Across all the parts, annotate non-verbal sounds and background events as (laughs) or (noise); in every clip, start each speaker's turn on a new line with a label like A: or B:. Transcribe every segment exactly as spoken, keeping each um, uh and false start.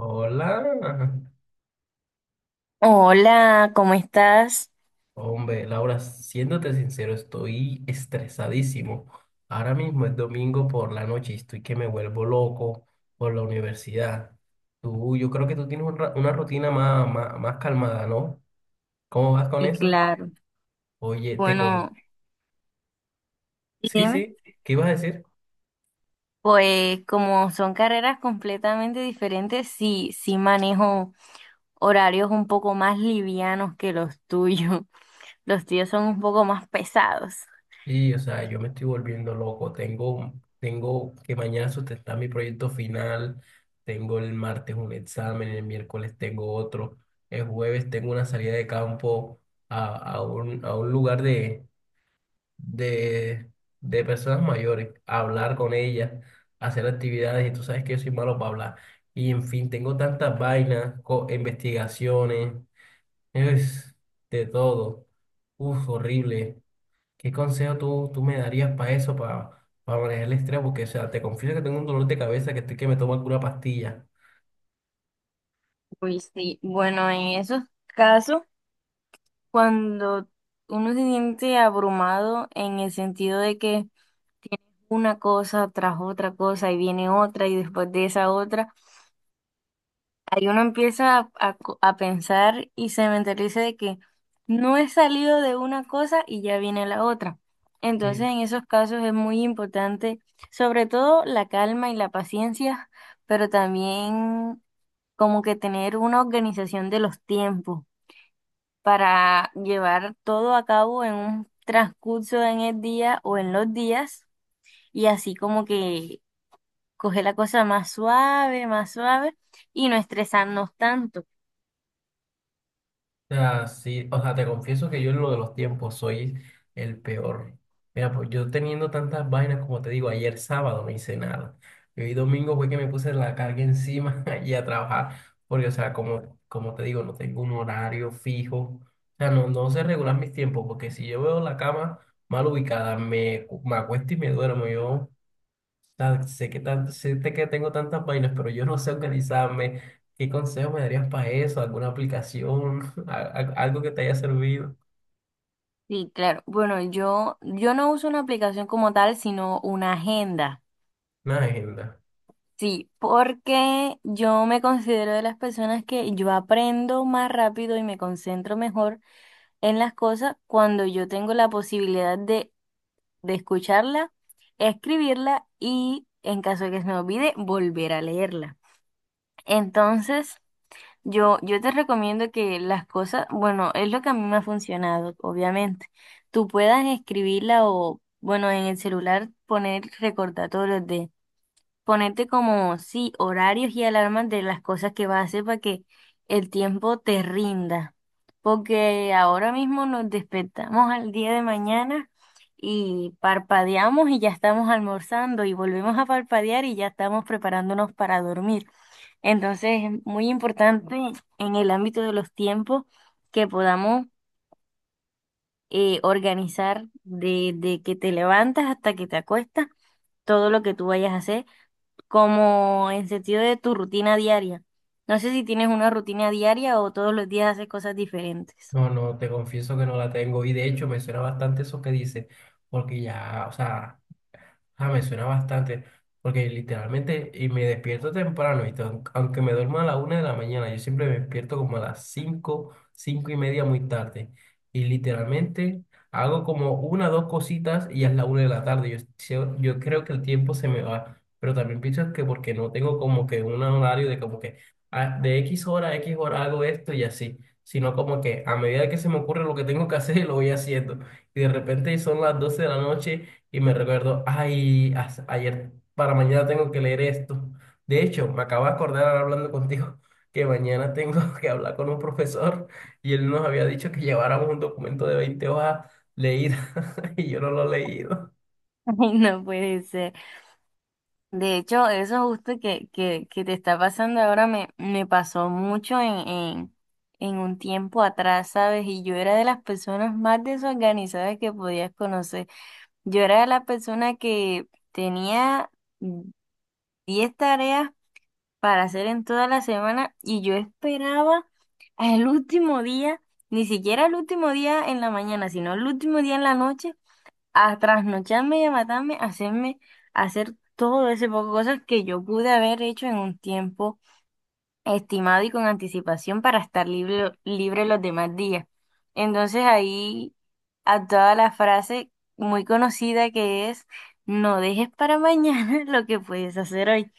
A: Hola,
B: Hola, ¿cómo estás?
A: hombre, Laura, siéndote sincero, estoy estresadísimo. Ahora mismo es domingo por la noche y estoy que me vuelvo loco por la universidad. Tú, yo creo que tú tienes un ra- una rutina más, más, más calmada, ¿no? ¿Cómo vas con
B: Y
A: eso?
B: claro.
A: Oye, te con...
B: Bueno, y
A: Sí,
B: dime,
A: sí, ¿qué ibas a decir?
B: pues como son carreras completamente diferentes, sí, sí manejo horarios un poco más livianos que los tuyos. (laughs) Los tuyos son un poco más pesados.
A: Sí, o sea, yo me estoy volviendo loco. Tengo, tengo que mañana sustentar mi proyecto final. Tengo el martes un examen, el miércoles tengo otro. El jueves tengo una salida de campo a, a un, a un lugar de, de, de personas mayores, a hablar con ellas, a hacer actividades. Y tú sabes que yo soy malo para hablar. Y en fin, tengo tantas vainas, co- investigaciones, es de todo. Uf, horrible. ¿Qué consejo tú, tú me darías para eso, para, para manejar el estrés? Porque, o sea, te confieso que tengo un dolor de cabeza que estoy que me tomo pura pastilla.
B: Uy, sí. Bueno, en esos casos, cuando uno se siente abrumado en el sentido de que una cosa tras otra cosa y viene otra y después de esa otra. Ahí uno empieza a, a co- a pensar y se mentaliza de que no he salido de una cosa y ya viene la otra. Entonces,
A: Sí.
B: en esos casos es muy importante, sobre todo la calma y la paciencia, pero también como que tener una organización de los tiempos para llevar todo a cabo en un transcurso en el día o en los días y así como que coger la cosa más suave, más suave y no estresarnos tanto.
A: O sea, sí, o sea, te confieso que yo en lo de los tiempos soy el peor. Mira, pues yo teniendo tantas vainas, como te digo, ayer sábado no hice nada. Y hoy domingo fue que me puse la carga encima (laughs) y a trabajar. Porque, o sea, como, como te digo, no tengo un horario fijo. O sea, no, no sé regular mis tiempos, porque si yo veo la cama mal ubicada, me, cu- me acuesto y me duermo. Yo tan- sé que, tan- sé te- que tengo tantas vainas, pero yo no sé organizarme. ¿Qué consejo me darías para eso? ¿Alguna aplicación? (laughs) Al- al- ¿Algo que te haya servido?
B: Sí, claro. Bueno, yo, yo no uso una aplicación como tal, sino una agenda.
A: Una agenda.
B: Sí, porque yo me considero de las personas que yo aprendo más rápido y me concentro mejor en las cosas cuando yo tengo la posibilidad de, de escucharla, escribirla y, en caso de que se me olvide, volver a leerla. Entonces, Yo, yo te recomiendo que las cosas, bueno, es lo que a mí me ha funcionado, obviamente. Tú puedas escribirla o, bueno, en el celular poner recordatorios de, ponerte como, sí, horarios y alarmas de las cosas que vas a hacer para que el tiempo te rinda. Porque ahora mismo nos despertamos al día de mañana y parpadeamos y ya estamos almorzando y volvemos a parpadear y ya estamos preparándonos para dormir. Entonces, es muy importante en el ámbito de los tiempos que podamos eh, organizar desde que te levantas hasta que te acuestas todo lo que tú vayas a hacer, como en sentido de tu rutina diaria. No sé si tienes una rutina diaria o todos los días haces cosas diferentes.
A: No, no, te confieso que no la tengo. Y de hecho me suena bastante eso que dices, porque ya, o sea... Ah, me suena bastante, porque literalmente, y me despierto temprano, ¿viste? Aunque aunque me duerma a la una de la mañana, yo siempre me despierto como a las cinco, cinco y media muy tarde. Y literalmente hago como una dos cositas y ya es la una de la tarde. Yo, yo, yo creo que el tiempo se me va, pero también pienso que porque no tengo como que un horario de como que ah, de X hora a X hora hago esto y así, sino como que a medida que se me ocurre lo que tengo que hacer, (laughs) lo voy haciendo. Y de repente son las doce de la noche y me recuerdo, ay, as- ayer para mañana tengo que leer esto. De hecho, me acabo de acordar ahora hablando contigo (laughs) que mañana tengo (laughs) que hablar con un profesor y él nos había dicho que lleváramos un documento de veinte hojas leídas (laughs) y yo no lo he leído.
B: (laughs) Ay, no puede ser. De hecho, eso justo que, que, que te está pasando ahora me, me pasó mucho en, en, en un tiempo atrás, ¿sabes? Y yo era de las personas más desorganizadas que podías conocer. Yo era de la persona que tenía diez tareas para hacer en toda la semana y yo esperaba al último día, ni siquiera el último día en la mañana, sino el último día en la noche a trasnocharme y a matarme, a hacerme, a hacer todo ese poco de cosas que yo pude haber hecho en un tiempo estimado y con anticipación para estar libre, libre los demás días. Entonces ahí a toda la frase muy conocida que es, no dejes para mañana (laughs) lo que puedes hacer hoy.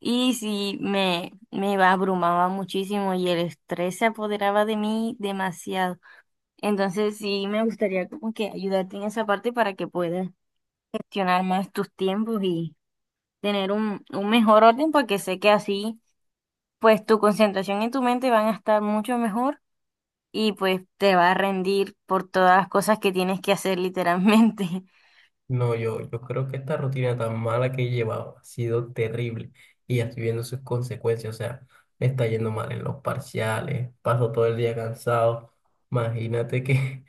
B: Y sí, me, me abrumaba muchísimo y el estrés se apoderaba de mí demasiado. Entonces sí, me gustaría como que ayudarte en esa parte para que puedas gestionar más tus tiempos y tener un, un mejor orden porque sé que así pues tu concentración y tu mente van a estar mucho mejor y pues te va a rendir por todas las cosas que tienes que hacer literalmente.
A: No, yo, yo creo que esta rutina tan mala que he llevado ha sido terrible y ya estoy viendo sus consecuencias. O sea, me está yendo mal en los parciales, paso todo el día cansado. Imagínate que.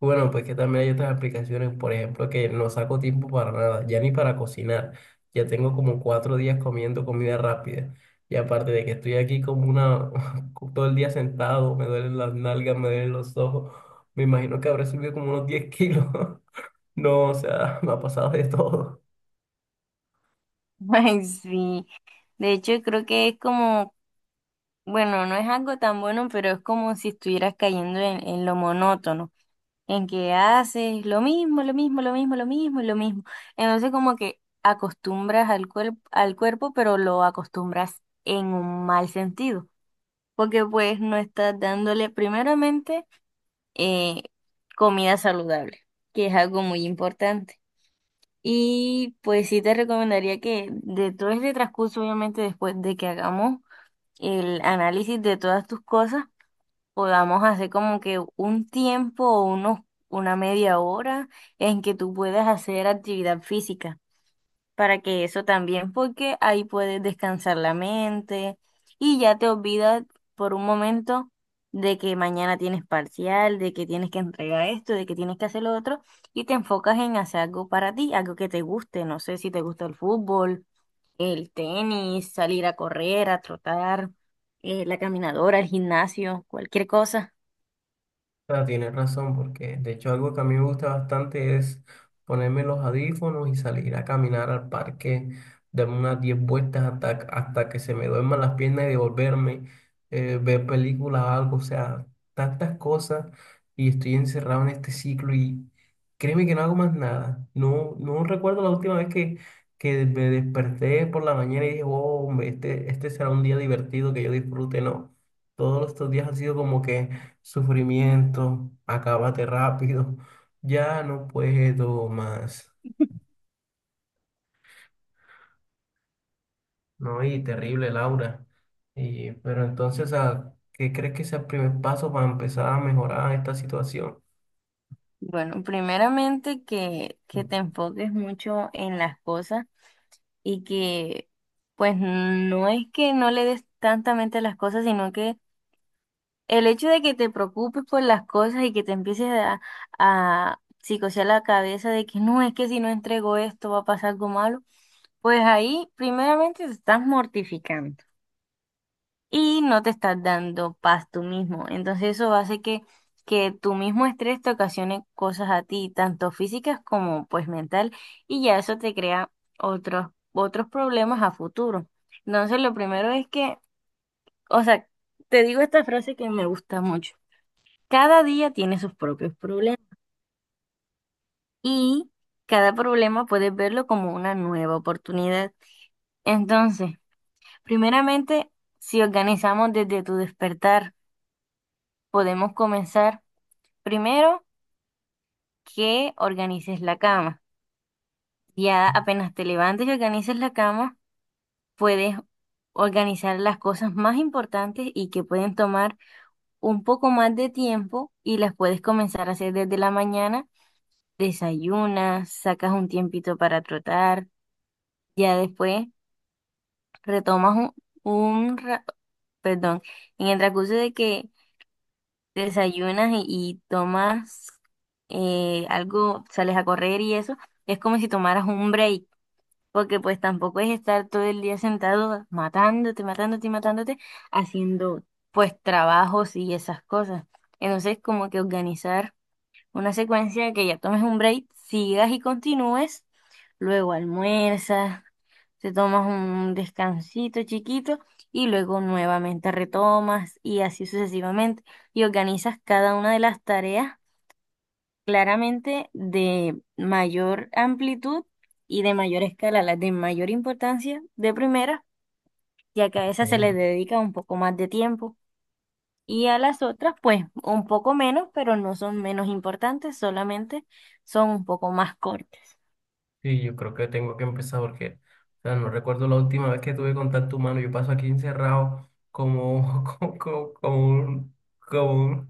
A: Bueno, pues que también hay otras aplicaciones, por ejemplo, que no saco tiempo para nada, ya ni para cocinar. Ya tengo como cuatro días comiendo comida rápida. Y aparte de que estoy aquí como una, (laughs) todo el día sentado, me duelen las nalgas, me duelen los ojos. Me imagino que habré subido como unos diez kilos. (laughs) No, o sea, (laughs) me ha pasado de todo.
B: (laughs) Ay, sí. De hecho, creo que es como, bueno, no es algo tan bueno, pero es como si estuvieras cayendo en, en lo monótono. En que haces lo mismo, lo mismo, lo mismo, lo mismo, y lo mismo. Entonces como que acostumbras al cuerpo, al cuerpo, pero lo acostumbras en un mal sentido, porque pues no estás dándole primeramente eh, comida saludable, que es algo muy importante. Y pues sí te recomendaría que de todo este transcurso, obviamente después de que hagamos el análisis de todas tus cosas, podamos hacer como que un tiempo o unos, una media hora en que tú puedas hacer actividad física, para que eso también, porque ahí puedes descansar la mente y ya te olvidas por un momento de que mañana tienes parcial, de que tienes que entregar esto, de que tienes que hacer lo otro, y te enfocas en hacer algo para ti, algo que te guste, no sé si te gusta el fútbol, el tenis, salir a correr, a trotar, eh, la caminadora, el gimnasio, cualquier cosa.
A: Ah, tienes razón, porque de hecho algo que a mí me gusta bastante es ponerme los audífonos y salir a caminar al parque, darme unas diez vueltas hasta, hasta que se me duerman las piernas y devolverme, eh, ver películas o algo, o sea, tantas cosas y estoy encerrado en este ciclo y créeme que no hago más nada. No, no recuerdo la última vez que, que me desperté por la mañana y dije, oh, hombre, este, este será un día divertido que yo disfrute, no. Todos estos días han sido como que sufrimiento, acábate rápido, ya no puedo más, ¿no? Y terrible, Laura. Y, pero entonces, ¿a qué crees que es el primer paso para empezar a mejorar esta situación?
B: Bueno, primeramente que,
A: Mm.
B: que te enfoques mucho en las cosas y que pues no es que no le des tanta mente a las cosas, sino que el hecho de que te preocupes por las cosas y que te empieces a, a psicosear la cabeza de que no, es que si no entrego esto va a pasar algo malo, pues ahí primeramente te estás mortificando y no te estás dando paz tú mismo. Entonces eso hace que, que tu mismo estrés te ocasione cosas a ti, tanto físicas como pues mental, y ya eso te crea otros, otros problemas a futuro. Entonces lo primero es que, o sea, te digo esta frase que me gusta mucho. Cada día tiene sus propios problemas y cada problema puedes verlo como una nueva oportunidad. Entonces, primeramente, si organizamos desde tu despertar, podemos comenzar. Primero, que organices la cama. Ya apenas te levantes y organices la cama, puedes organizar las cosas más importantes y que pueden tomar un poco más de tiempo y las puedes comenzar a hacer desde la mañana. Desayunas, sacas un tiempito para trotar, ya después retomas un, un ra- perdón, en el transcurso de que desayunas y, y tomas eh, algo, sales a correr y eso. Es como si tomaras un break. Porque pues tampoco es estar todo el día sentado matándote, matándote y matándote, haciendo pues trabajos y esas cosas. Entonces como que organizar una secuencia de que ya tomes un break, sigas y continúes, luego almuerzas, te tomas un descansito chiquito y luego nuevamente retomas y así sucesivamente. Y organizas cada una de las tareas claramente de mayor amplitud y de mayor escala, las de mayor importancia de primera, ya que a esas se les
A: Ok.
B: dedica un poco más de tiempo y a las otras pues un poco menos, pero no son menos importantes, solamente son un poco más cortas.
A: Sí, yo creo que tengo que empezar porque, o sea, no recuerdo la última vez que tuve contacto humano, yo paso aquí encerrado como, (laughs) como, como, como un, como un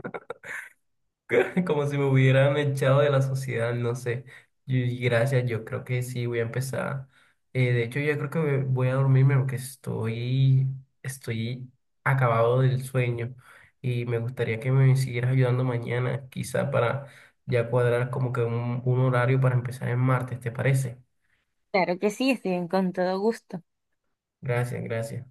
A: (laughs) como si me hubieran echado de la sociedad, no sé. Y gracias, yo creo que sí, voy a empezar. Eh, de hecho, yo creo que me- voy a dormirme porque estoy, estoy acabado del sueño y me gustaría que me siguieras ayudando mañana, quizá para ya cuadrar como que un, un horario para empezar en martes, ¿te parece?
B: Claro que sí, estoy en- con todo gusto.
A: Gracias, gracias.